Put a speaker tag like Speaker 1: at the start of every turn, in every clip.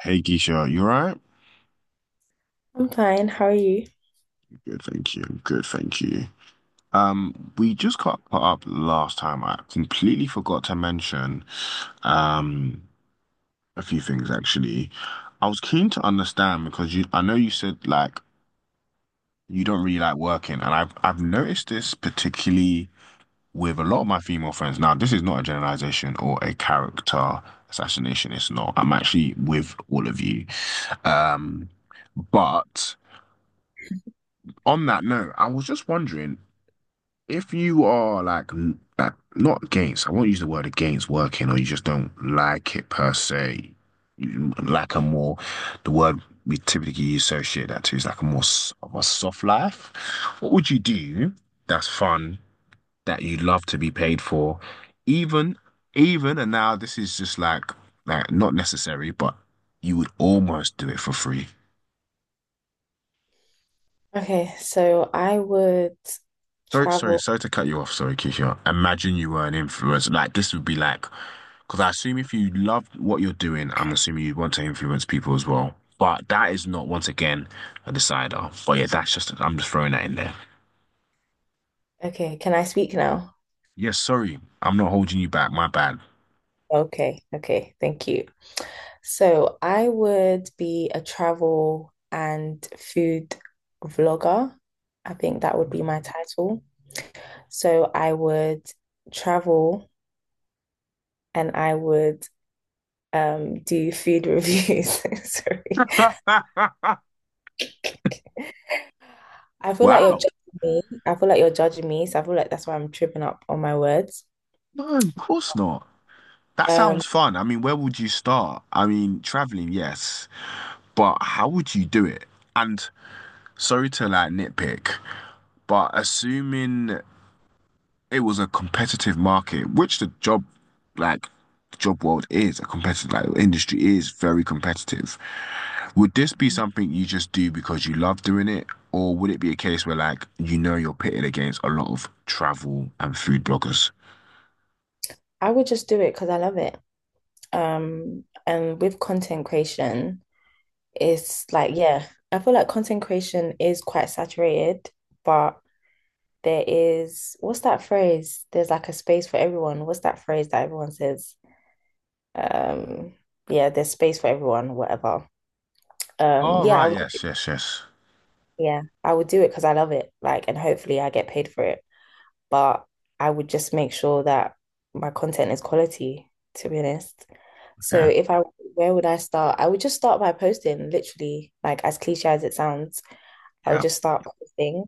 Speaker 1: Hey Keisha, you alright?
Speaker 2: I'm fine. How are you?
Speaker 1: Good, thank you. Good, thank you. We just got put up last time. I completely forgot to mention um a few things actually. I was keen to understand because you I know you said you don't really like working, and I've noticed this particularly with a lot of my female friends. Now, this is not a generalization or a character assassination, it's not. I'm actually with all of you. Um, but On that note, I was just wondering if you are like not against. I won't use the word against working, or you just don't like it per se. You like a more the word we typically associate that to is like a more of a soft life. What would you do that's fun that you'd love to be paid for, even and now this is just like not necessary, but you would almost do it for free.
Speaker 2: Okay, so I would
Speaker 1: Sorry, sorry,
Speaker 2: travel.
Speaker 1: sorry to cut you off. Sorry, Keisha. Imagine you were an influencer. Like this would be like. Because I assume if you love what you're doing, I'm assuming you want to influence people as well. But that is not, once again, a decider. But yeah, that's just, I'm just throwing that in there.
Speaker 2: Okay, can I speak now?
Speaker 1: Yes, sorry. I'm not holding you back. My bad.
Speaker 2: Okay, okay, thank you. So I would be a travel and food vlogger. I think that would be my title. So I would travel and I would do food reviews. Sorry. I feel like you're
Speaker 1: Wow.
Speaker 2: judging me. I feel like you're judging me, so I feel like that's why I'm tripping up on my words.
Speaker 1: No, of course not. That
Speaker 2: Um,
Speaker 1: sounds fun. I mean, where would you start? I mean, traveling, yes, but how would you do it? And sorry to like nitpick, but assuming it was a competitive market, which the job, like, the job world is a competitive, like, the industry is very competitive. Would this be something you just do because you love doing it, or would it be a case where, like, you're pitted against a lot of travel and food bloggers?
Speaker 2: I would just do it because I love it. And with content creation, it's like, yeah, I feel like content creation is quite saturated, but there is, what's that phrase? There's like a space for everyone. What's that phrase that everyone says? Um, yeah, there's space for everyone, whatever. Um,
Speaker 1: Oh,
Speaker 2: yeah, I
Speaker 1: right.
Speaker 2: would,
Speaker 1: Yes, yes, yes.
Speaker 2: yeah, I would do it because I love it, like, and hopefully I get paid for it. But I would just make sure that my content is quality, to be honest. So
Speaker 1: Okay.
Speaker 2: if I, Where would I start? I would just start by posting, literally, like as cliche as it sounds, I would
Speaker 1: Yeah.
Speaker 2: just start posting.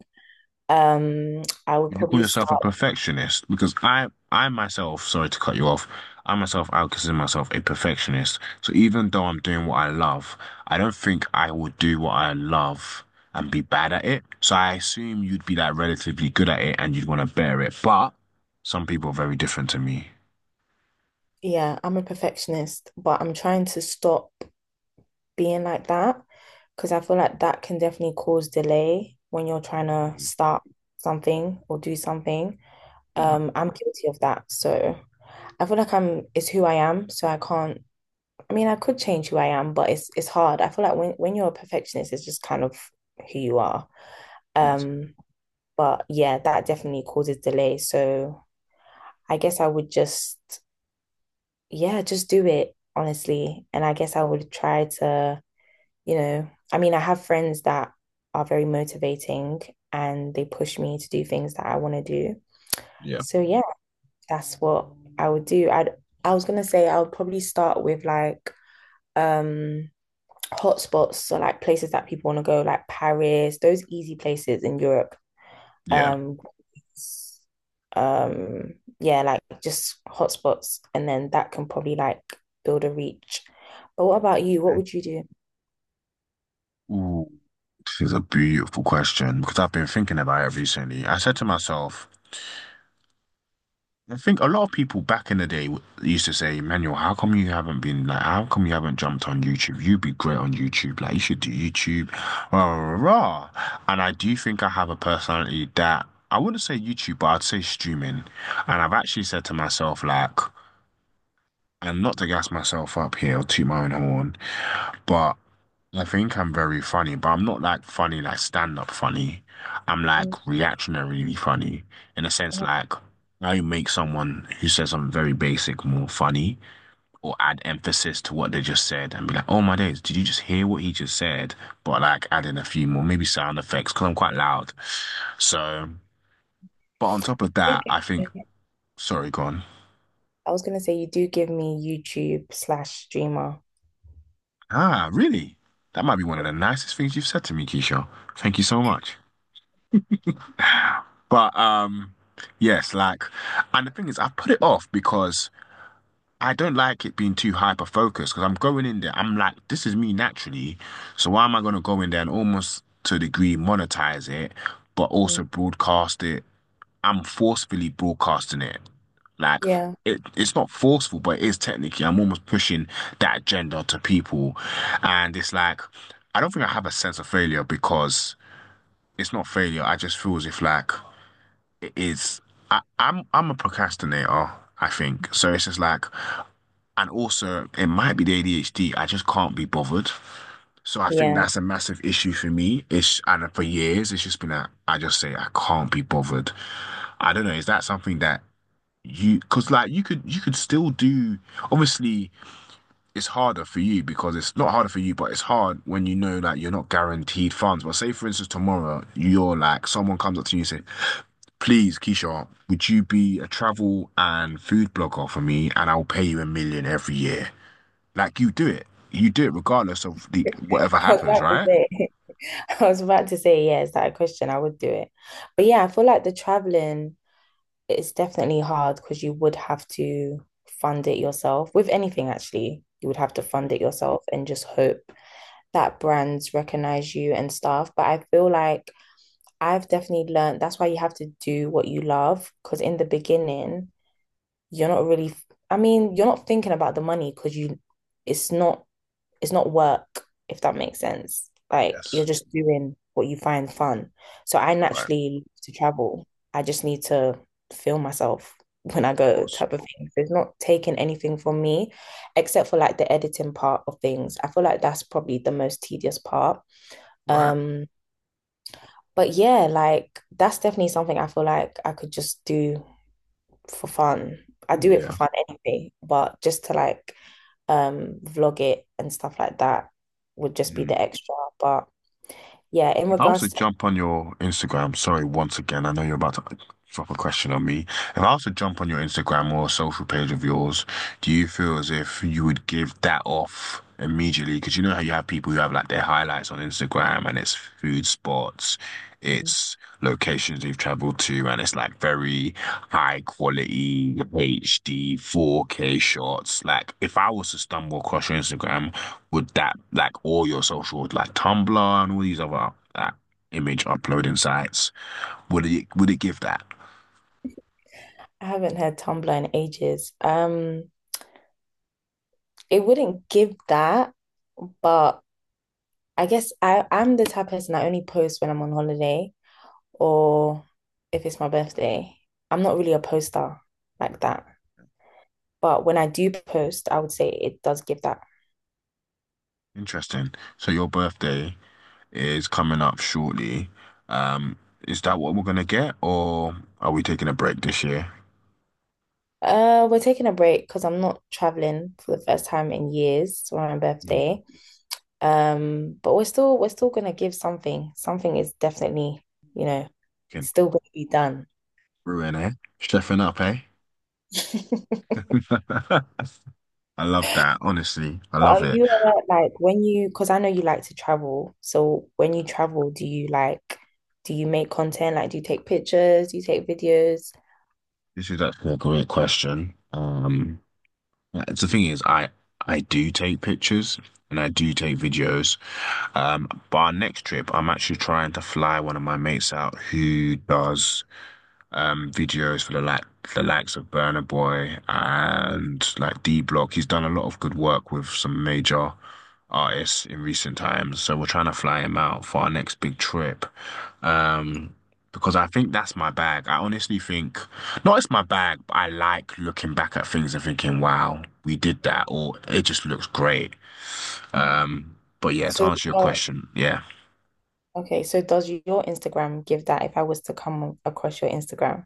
Speaker 2: I would
Speaker 1: Would you call
Speaker 2: probably
Speaker 1: yourself a
Speaker 2: start,
Speaker 1: perfectionist? Because sorry to cut you off, I myself, I would consider myself a perfectionist. So even though I'm doing what I love, I don't think I would do what I love and be bad at it. So I assume you'd be like relatively good at it and you'd want to bear it. But some people are very different to me.
Speaker 2: Yeah, I'm a perfectionist, but I'm trying to stop being like that because I feel like that can definitely cause delay when you're trying to
Speaker 1: Mm,
Speaker 2: start something or do something.
Speaker 1: yeah,
Speaker 2: I'm guilty of that. So I feel like I'm, it's who I am. So I can't, I mean, I could change who I am, but it's hard. I feel like when you're a perfectionist, it's just kind of who you are.
Speaker 1: what?
Speaker 2: Um, but yeah, that definitely causes delay. So I guess I would just, yeah, just do it honestly. And I guess I would try to, I mean, I have friends that are very motivating and they push me to do things that I want to do.
Speaker 1: Yeah,
Speaker 2: So yeah, that's what I would do. I was gonna say I would probably start with like um hotspots, so like places that people want to go, like Paris, those easy places in Europe.
Speaker 1: yeah.
Speaker 2: Um, um, yeah, like just hotspots, and then that can probably like build a reach. But what about you? What
Speaker 1: Okay.
Speaker 2: would you do?
Speaker 1: Ooh. This is a beautiful question because I've been thinking about it recently. I said to myself, I think a lot of people back in the day used to say, Manuel, how come you haven't how come you haven't jumped on YouTube? You'd be great on YouTube. Like, you should do YouTube. Rah, rah, rah. And I do think I have a personality that I wouldn't say YouTube, but I'd say streaming. And I've actually said to myself, like, and not to gas myself up here or toot my own horn, but I think I'm very funny, but I'm not like funny, like stand-up funny. I'm like
Speaker 2: Mm.
Speaker 1: reactionarily funny in a sense,
Speaker 2: I
Speaker 1: like I make someone who says something very basic more funny or add emphasis to what they just said and be like, oh my days, did you just hear what he just said? But like adding a few more, maybe sound effects, because I'm quite loud. So, but on top of that,
Speaker 2: think-
Speaker 1: I think, sorry, gone.
Speaker 2: I was gonna say you do give me YouTube slash streamer.
Speaker 1: Ah, really? That might be one of the nicest things you've said to me, Keisha. Thank you so much. But yes, like, and the thing is, I put it off because I don't like it being too hyper focused. Because I'm going in there, I'm like, this is me naturally, so why am I going to go in there and almost to a degree monetize it, but
Speaker 2: Mm.
Speaker 1: also broadcast it? I'm forcefully broadcasting it. Like,
Speaker 2: Yeah,
Speaker 1: it's not forceful, but it is technically. I'm almost pushing that agenda to people, and it's like, I don't think I have a sense of failure because it's not failure. I just feel as if like its I'm a procrastinator, I think. So it's just like, and also it might be the ADHD. I just can't be bothered. So I think
Speaker 2: yeah.
Speaker 1: that's a massive issue for me. It's and for years it's just been that I just say I can't be bothered. I don't know. Is that something that you? Because like you could still do. Obviously, it's harder for you because it's not harder for you, but it's hard when you know that you're not guaranteed funds. But say for instance tomorrow you're like someone comes up to you and says, please, Keisha, would you be a travel and food blogger for me and I'll pay you a million every year? Like you do it. You do it regardless of the whatever
Speaker 2: I was
Speaker 1: happens,
Speaker 2: about to
Speaker 1: right?
Speaker 2: say, I was about to say, yeah, is that a question? I would do it. But yeah, I feel like the traveling is definitely hard because you would have to fund it yourself. With anything, actually, you would have to fund it yourself and just hope that brands recognize you and stuff. But I feel like I've definitely learned that's why you have to do what you love. Because in the beginning, you're not really, I mean, you're not thinking about the money because it's not, it's not work, if that makes sense. Like you're
Speaker 1: Yes.
Speaker 2: just doing what you find fun. So I
Speaker 1: Right.
Speaker 2: naturally love to travel. I just need to feel myself when I
Speaker 1: Of
Speaker 2: go,
Speaker 1: course.
Speaker 2: type of thing. So it's not taking anything from me except for like the editing part of things. I feel like that's probably the most tedious part,
Speaker 1: Right.
Speaker 2: um, but yeah, like that's definitely something I feel like I could just do for fun. I do it for
Speaker 1: Yeah.
Speaker 2: fun anyway, but just to like vlog it and stuff like that would just be the
Speaker 1: Mm.
Speaker 2: extra. But yeah, in
Speaker 1: If I was to
Speaker 2: regards to
Speaker 1: jump on your Instagram, sorry, once again, I know you're about to drop a question on me. If I was to jump on your Instagram or a social page of yours, do you feel as if you would give that off immediately? Because you know how you have people who have like their highlights on Instagram and it's food spots, it's locations they've traveled to, and it's like very high quality HD 4K shots. Like if I was to stumble across your Instagram, would that like all your social like Tumblr and all these other image uploading sites? Would it give that?
Speaker 2: I haven't had Tumblr in ages. It wouldn't give that, but I guess, I'm the type of person, I only post when I'm on holiday or if it's my birthday. I'm not really a poster like that. But when I do post, I would say it does give that.
Speaker 1: Interesting. So your birthday is coming up shortly. Um, is that what we're gonna get, or are we taking a break this year?
Speaker 2: We're taking a break because I'm not traveling for the first time in years for my
Speaker 1: Mm.
Speaker 2: birthday. But we're still gonna give something. Something is definitely, you know,
Speaker 1: Fucking
Speaker 2: still gonna be done.
Speaker 1: brewing, eh? Chefing up, eh? I love that. Honestly, I
Speaker 2: But are
Speaker 1: love it.
Speaker 2: you, like when you, because I know you like to travel, so when you travel, do you like, do you make content? Like, do you take pictures? Do you take videos?
Speaker 1: This is actually a great question. Yeah, it's the thing is, I do take pictures and I do take videos. But our next trip, I'm actually trying to fly one of my mates out who does videos for the likes of Burna Boy and like D Block. He's done a lot of good work with some major artists in recent times. So we're trying to fly him out for our next big trip. Um Because I think that's my bag. I honestly think, not it's my bag, but I like looking back at things and thinking, wow, we did that, or it just looks great.
Speaker 2: Mm.
Speaker 1: Um, but yeah, to
Speaker 2: So,
Speaker 1: answer your question, yeah.
Speaker 2: okay, so does your Instagram give that? If I was to come across your Instagram,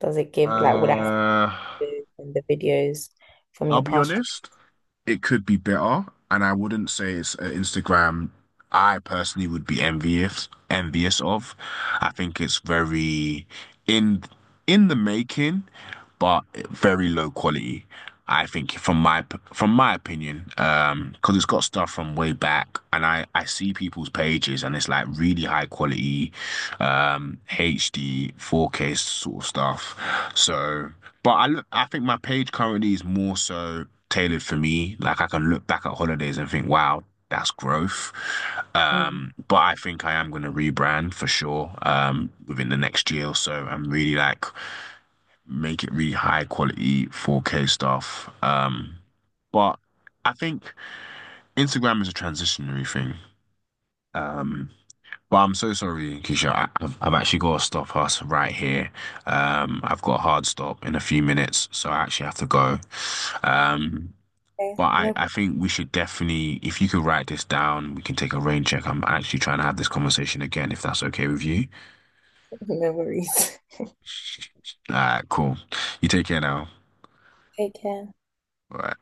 Speaker 2: does it give like what I
Speaker 1: Uh,
Speaker 2: see in the videos from
Speaker 1: I'll
Speaker 2: your
Speaker 1: be
Speaker 2: past?
Speaker 1: honest. It could be better, and I wouldn't say it's Instagram I personally would be envious of. I think it's very in in the making but very low quality. I think from my opinion, because it's got stuff from way back, and I see people's pages, and it's like really high quality, HD, 4K sort of stuff. So, but I look, I think my page currently is more so tailored for me. Like I can look back at holidays and think, wow. That's growth.
Speaker 2: Mm.
Speaker 1: But I think I am going to rebrand for sure within the next year or so. I'm really like make it really high quality 4K stuff. But I think Instagram is a transitionary thing. Um, but I'm so sorry, Keisha. I've actually got to stop us right here. I've got a hard stop in a few minutes, so I actually have to go. Um,
Speaker 2: Okay,
Speaker 1: but
Speaker 2: no,
Speaker 1: I think we should definitely, if you could write this down, we can take a rain check. I'm actually trying to have this conversation again, if that's okay with you.
Speaker 2: no worries.
Speaker 1: All right, cool. You take care now.
Speaker 2: Take care.
Speaker 1: All right.